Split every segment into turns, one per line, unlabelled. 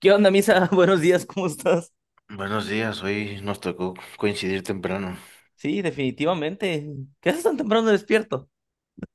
¿Qué onda, Misa? Buenos días, ¿cómo estás?
Buenos días, hoy nos tocó coincidir temprano.
Sí, definitivamente. ¿Qué haces tan temprano despierto?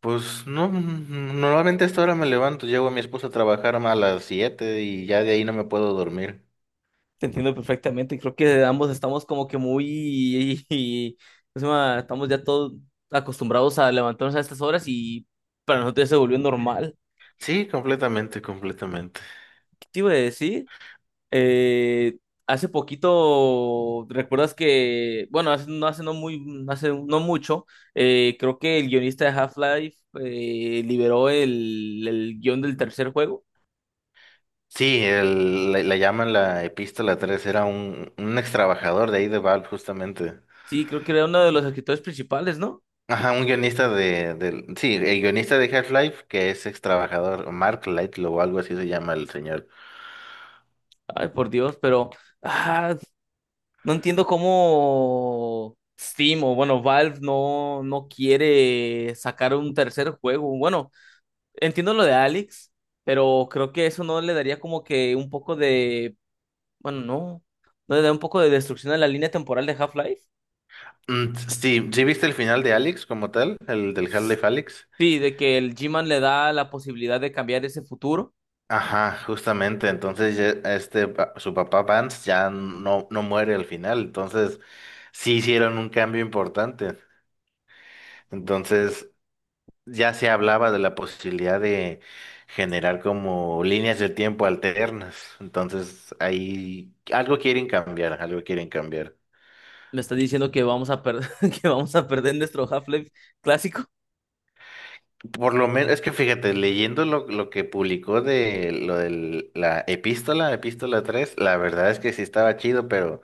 Pues no, normalmente a esta hora me levanto, llevo a mi esposa a trabajar a las 7 y ya de ahí no me puedo dormir.
Te entiendo perfectamente. Creo que ambos estamos como que muy... ¿Cómo se llama? Estamos ya todos acostumbrados a levantarnos a estas horas y para nosotros ya se volvió normal.
Sí, completamente, completamente.
¿Qué te iba a decir? Eh, Hace poquito, ¿recuerdas que... Bueno, hace no muy... Hace no mucho, creo que el guionista de Half-Life liberó el guión del tercer juego.
Sí, le llaman la Epístola 3, era un ex trabajador de ahí de Valve justamente.
Sí, creo que era uno de los escritores principales, ¿no?
Ajá, un guionista de el guionista de Half-Life que es ex trabajador, Mark Lightlow o algo así se llama el señor.
Ay, por Dios, pero ah, no entiendo cómo Steam o bueno, Valve no quiere sacar un tercer juego. Bueno, entiendo lo de Alex, pero creo que eso no le daría como que un poco de, bueno, no, no le da un poco de destrucción a la línea temporal de Half-Life.
Mm, sí, ¿sí viste el final de Alex como tal? El del Half-Life Alyx.
Sí, de que el G-Man le da la posibilidad de cambiar ese futuro.
Ajá, justamente. Entonces, ya, su papá Vance ya no muere al final. Entonces, sí hicieron un cambio importante. Entonces, ya se hablaba de la posibilidad de generar como líneas del tiempo alternas. Entonces, ahí algo quieren cambiar, algo quieren cambiar.
Le está diciendo que vamos a perder, que vamos a perder nuestro Half-Life clásico.
Por lo menos, es que fíjate, leyendo lo que publicó de lo de la epístola tres, la verdad es que sí estaba chido, pero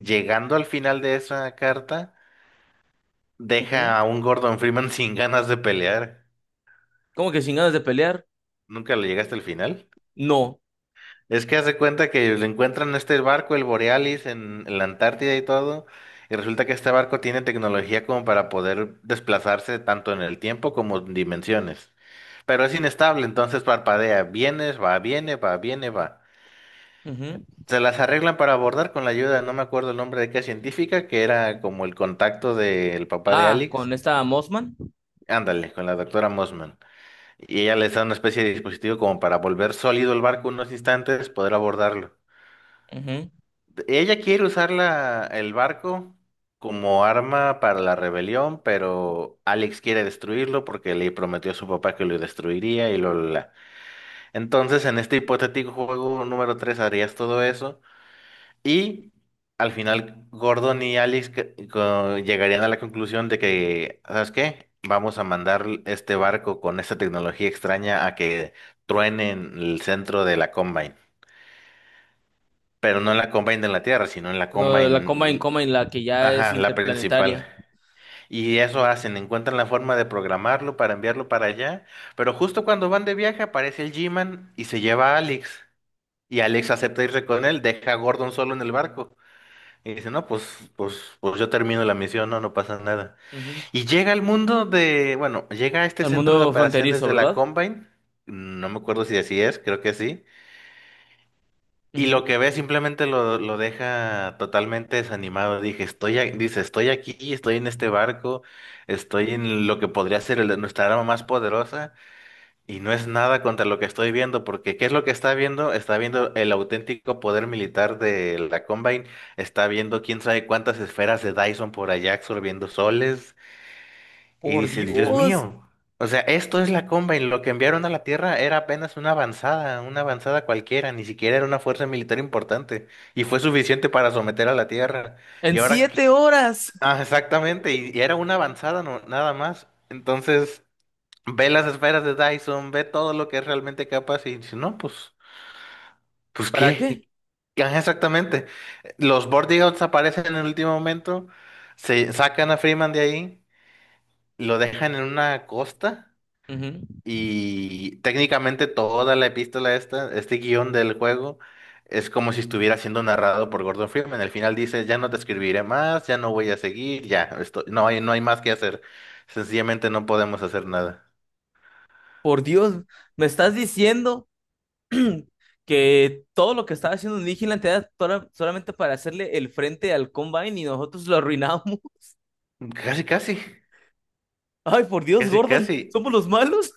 llegando al final de esa carta, deja a un Gordon Freeman sin ganas de pelear.
¿Cómo que sin ganas de pelear?
Nunca le llegaste al final.
No.
Es que hace cuenta que le encuentran este barco, el Borealis, en la Antártida y todo, y resulta que este barco tiene tecnología como para poder desplazarse tanto en el tiempo como en dimensiones. Pero es inestable, entonces parpadea, vienes, va, viene, va, viene, va.
Ujú.
Se las arreglan para abordar con la ayuda, no me acuerdo el nombre de qué científica, que era como el contacto del papá de
Ah, con
Alex.
esta Mossman.
Ándale, con la doctora Mossman. Y ella les da una especie de dispositivo como para volver sólido el barco unos instantes, poder abordarlo.
Ujú.
Ella quiere usar el barco como arma para la rebelión, pero Alex quiere destruirlo porque le prometió a su papá que lo destruiría y lo la. Entonces, en este hipotético juego número 3, harías todo eso, y al final Gordon y Alex llegarían a la conclusión de que, ¿sabes qué? Vamos a mandar este barco con esta tecnología extraña a que truene en el centro de la Combine. Pero no en la Combine de la Tierra, sino en la
Lo de la
Combine,
Combine Combine, la que ya es
ajá, la principal.
interplanetaria.
Y eso hacen, encuentran la forma de programarlo para enviarlo para allá. Pero justo cuando van de viaje aparece el G-Man y se lleva a Alex. Y Alex acepta irse con él, deja a Gordon solo en el barco. Y dice, no, pues yo termino la misión, no, no pasa nada.
Ujú.
Y llega al mundo de, bueno, llega a este
Al
centro de
mundo
operaciones
fronterizo,
de la
¿verdad?
Combine, no me acuerdo si así es, creo que sí. Y
Ujú.
lo que ve simplemente lo deja totalmente desanimado. Dije, dice, estoy aquí, estoy en este barco, estoy en lo que podría ser el de nuestra arma más poderosa. Y no es nada contra lo que estoy viendo, porque ¿qué es lo que está viendo? Está viendo el auténtico poder militar de la Combine, está viendo quién sabe cuántas esferas de Dyson por allá absorbiendo soles, y
Por
dice, Dios
Dios,
mío, o sea, esto es la Combine, lo que enviaron a la Tierra era apenas una avanzada cualquiera, ni siquiera era una fuerza militar importante, y fue suficiente para someter a la Tierra.
en
Y ahora, ¿qué?
7 horas.
Ah, exactamente, y era una avanzada no, nada más. Entonces ve las esferas de Dyson, ve todo lo que es realmente capaz y dice, no, pues
¿Para qué?
qué. Ajá, exactamente. Los Bordigouts aparecen en el último momento, se sacan a Freeman de ahí, lo dejan en una costa
Ujú.
y técnicamente toda la epístola esta, este guión del juego, es como si estuviera siendo narrado por Gordon Freeman. Al final dice, ya no te escribiré más, ya no voy a seguir, ya, esto, no hay más que hacer. Sencillamente no podemos hacer nada.
Por Dios, me estás diciendo que todo lo que estaba haciendo Vigilante era tola- solamente para hacerle el frente al Combine y nosotros lo arruinamos.
Casi, casi,
Ay, por Dios,
casi,
Gordon,
casi.
¿somos los malos?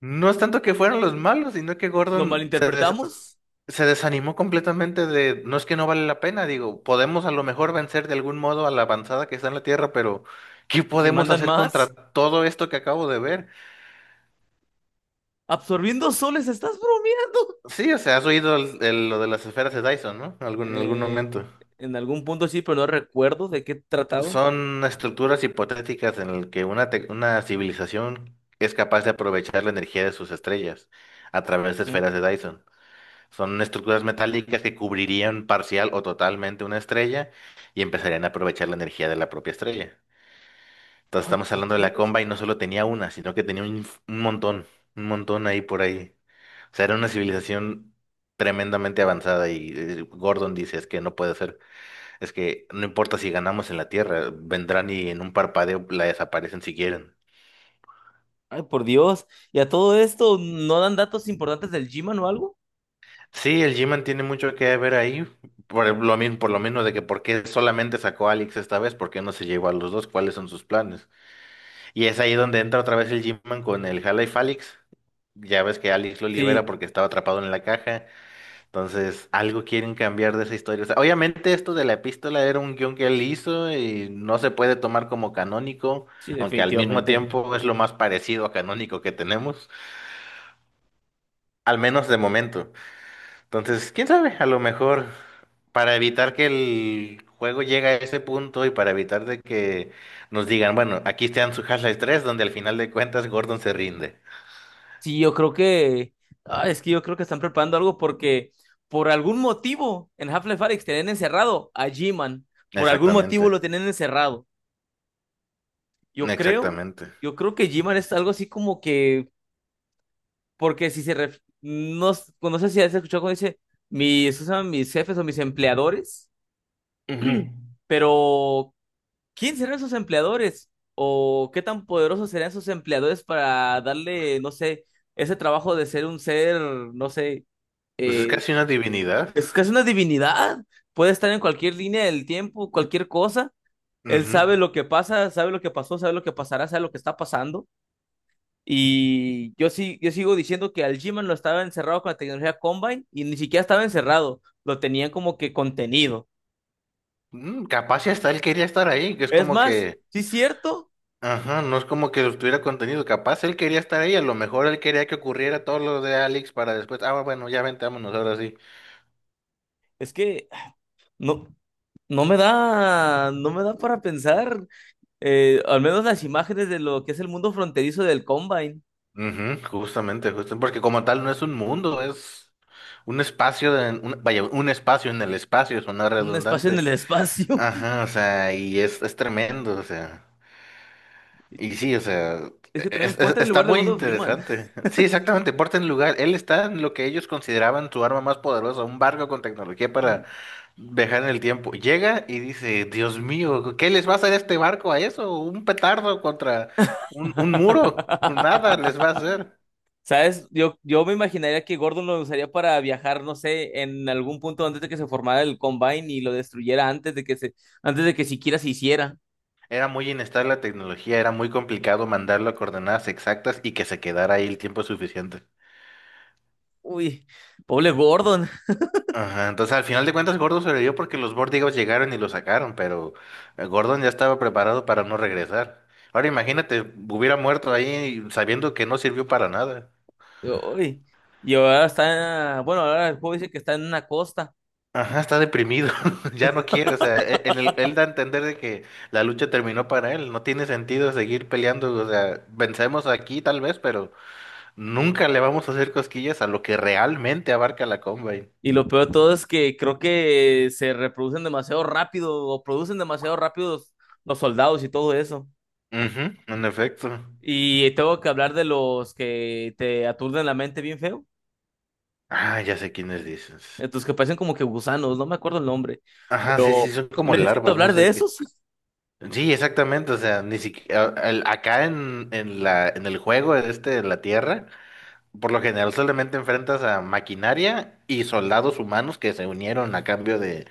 No es tanto que fueron los malos, sino que
¿Lo malinterpretamos?
Se desanimó completamente de, no es que no vale la pena, digo, podemos a lo mejor vencer de algún modo a la avanzada que está en la Tierra, pero ¿qué
¿Y si
podemos
mandan
hacer contra
más?
todo esto que acabo de ver?
¿Absorbiendo soles? ¿Estás bromeando?
Sí, o sea, has oído lo de las esferas de Dyson, ¿no? En algún
Eh,
momento.
en algún punto sí, pero no recuerdo de qué trataba.
Son estructuras hipotéticas en las que una civilización es capaz de aprovechar la energía de sus estrellas a través de
¿Mm?
esferas de Dyson. Son estructuras metálicas que cubrirían parcial o totalmente una estrella y empezarían a aprovechar la energía de la propia estrella. Entonces
Ay,
estamos
por
hablando de la
Dios.
comba y no solo tenía una, sino que tenía un montón ahí por ahí. O sea, era una civilización tremendamente avanzada y Gordon dice, es que no puede ser, es que no importa si ganamos en la Tierra, vendrán y en un parpadeo la desaparecen si quieren.
Ay, por Dios. ¿Y a todo esto no dan datos importantes del G-Man o algo?
Sí, el G-Man tiene mucho que ver ahí, por lo mismo, por lo menos de que por qué solamente sacó a Alex esta vez, por qué no se llevó a los dos, cuáles son sus planes. Y es ahí donde entra otra vez el G-Man con el Half-Life Alyx. Ya ves que Alex lo libera
Sí,
porque estaba atrapado en la caja, entonces algo quieren cambiar de esa historia. O sea, obviamente esto de la epístola era un guión que él hizo y no se puede tomar como canónico,
sí,
aunque al mismo
definitivamente.
tiempo es lo más parecido a canónico que tenemos, al menos de momento. Entonces, quién sabe, a lo mejor para evitar que el juego llegue a ese punto y para evitar de que nos digan, bueno, aquí están su Half-Life 3, donde al final de cuentas Gordon se rinde.
Sí, yo creo que... Ah, es que yo creo que están preparando algo porque por algún motivo en Half-Life Alyx tenían encerrado a G-Man. Por algún
Exactamente,
motivo lo tenían encerrado. Yo creo,
exactamente.
yo creo que G-Man es algo así como que porque si se... ref- No, s- no sé si has escuchado cuando dice mis, ¿cómo se llaman? Mis jefes o mis empleadores,
Ujú.
pero ¿quién serán sus empleadores? ¿O qué tan poderosos serán sus empleadores para darle, no sé, ese trabajo de ser un ser, no sé,
Pues es
eh,
casi una divinidad.
es casi una divinidad? Puede estar en cualquier línea del tiempo, cualquier cosa. Él
Ujú.
sabe lo que pasa, sabe lo que pasó, sabe lo que pasará, sabe lo que está pasando. Y yo sí, yo sigo diciendo que al G-Man lo estaba encerrado con la tecnología Combine y ni siquiera estaba encerrado, lo tenían como que contenido.
Mm, capaz y hasta él quería estar ahí, que es
Es
como
más,
que,
sí es cierto,
ajá, no es como que tuviera contenido, capaz él quería estar ahí, a lo mejor él quería que ocurriera todo lo de Alex para después, ah, bueno, ya vente, vámonos ahora sí.
es que no, no me da, no me da para pensar, al menos las imágenes de lo que es el mundo fronterizo del Combine,
Ujú, justamente, justo, porque como tal no es un mundo, es un espacio, vaya, un espacio en el espacio, suena
un espacio en
redundante.
el espacio.
Ajá, o sea, y es tremendo, o sea, y sí, o sea,
Es que también ponte en el
está
lugar de
muy
Gordon Freeman.
interesante. Sí, exactamente, porta en lugar, él está en lo que ellos consideraban su arma más poderosa, un barco con tecnología para viajar en el tiempo. Llega y dice, Dios mío, ¿qué les va a hacer este barco a eso? ¿Un petardo contra un muro? Nada les va a hacer.
¿Sabes? Yo me imaginaría que Gordon lo usaría para viajar, no sé, en algún punto antes de que se formara el Combine y lo destruyera antes de que se, antes de que siquiera se hiciera.
Era muy inestable la tecnología, era muy complicado mandarlo a coordenadas exactas y que se quedara ahí el tiempo suficiente.
Uy, pobre Gordon.
Ajá, entonces al final de cuentas Gordon sobrevivió porque los Vortigos llegaron y lo sacaron, pero Gordon ya estaba preparado para no regresar. Ahora imagínate, hubiera muerto ahí sabiendo que no sirvió para nada.
Uy. Y ahora está, bueno, ahora el juego dice que está en una costa.
Ajá, está deprimido, ya no quiere, o sea, él da a entender de que la lucha terminó para él, no tiene sentido seguir peleando, o sea, vencemos aquí tal vez, pero... Nunca le vamos a hacer cosquillas a lo que realmente abarca la Combine.
Y lo peor de todo es que creo que se reproducen demasiado rápido o producen demasiado rápido los soldados y todo eso.
Ujú, en efecto.
Y tengo que hablar de los que te aturden la mente bien feo.
Ah, ya sé quiénes dices.
Estos que parecen como que gusanos, no me acuerdo el nombre.
Ajá, sí, sí,
Pero
son como
necesito
larvas, no
hablar de
sé qué.
esos. Sí,
Sí, exactamente, o sea, ni siquiera el- acá en en el juego este de la Tierra, por lo general solamente enfrentas a maquinaria y soldados humanos que se unieron a cambio de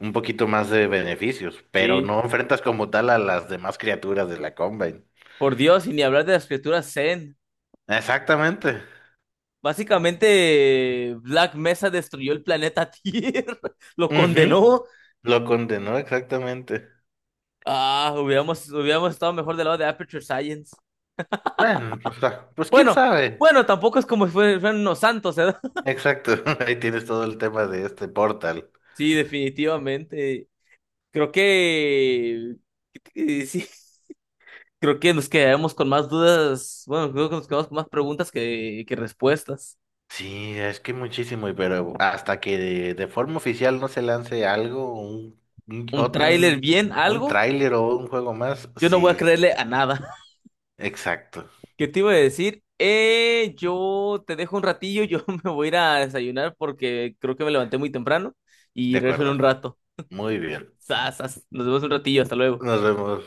un poquito más de beneficios, pero
sí,
no enfrentas como tal a las demás criaturas de la Combine.
por Dios, y ni hablar de las criaturas Zen.
Exactamente.
Básicamente, Black Mesa destruyó el planeta Tierra, lo
Ujú.
condenó.
Lo condenó exactamente.
Ah, hubiéramos, hubiéramos estado mejor del lado de Aperture Science.
Bueno, o sea, pues quién
Bueno,
sabe.
bueno, tampoco es como si fue- fueran unos santos, ¿verdad?
Exacto, ahí tienes todo el tema de este portal.
Sí, definitivamente. Creo que sí, creo que nos quedamos con más dudas. Bueno, creo que nos quedamos con más preguntas que respuestas.
Sí, es que muchísimo, y pero hasta que de forma oficial no se lance algo, un,
¿Un
ot-
tráiler
un,
bien?
un
¿Algo?
tráiler o un juego más,
Yo no voy a
sí,
creerle a nada.
exacto,
¿Qué te iba a decir? Yo te dejo un ratillo, yo me voy a ir a desayunar porque creo que me levanté muy temprano
de
y regreso en
acuerdo.
un rato.
Muy bien,
Sas, sas. Nos vemos un ratillo, hasta luego.
nos vemos.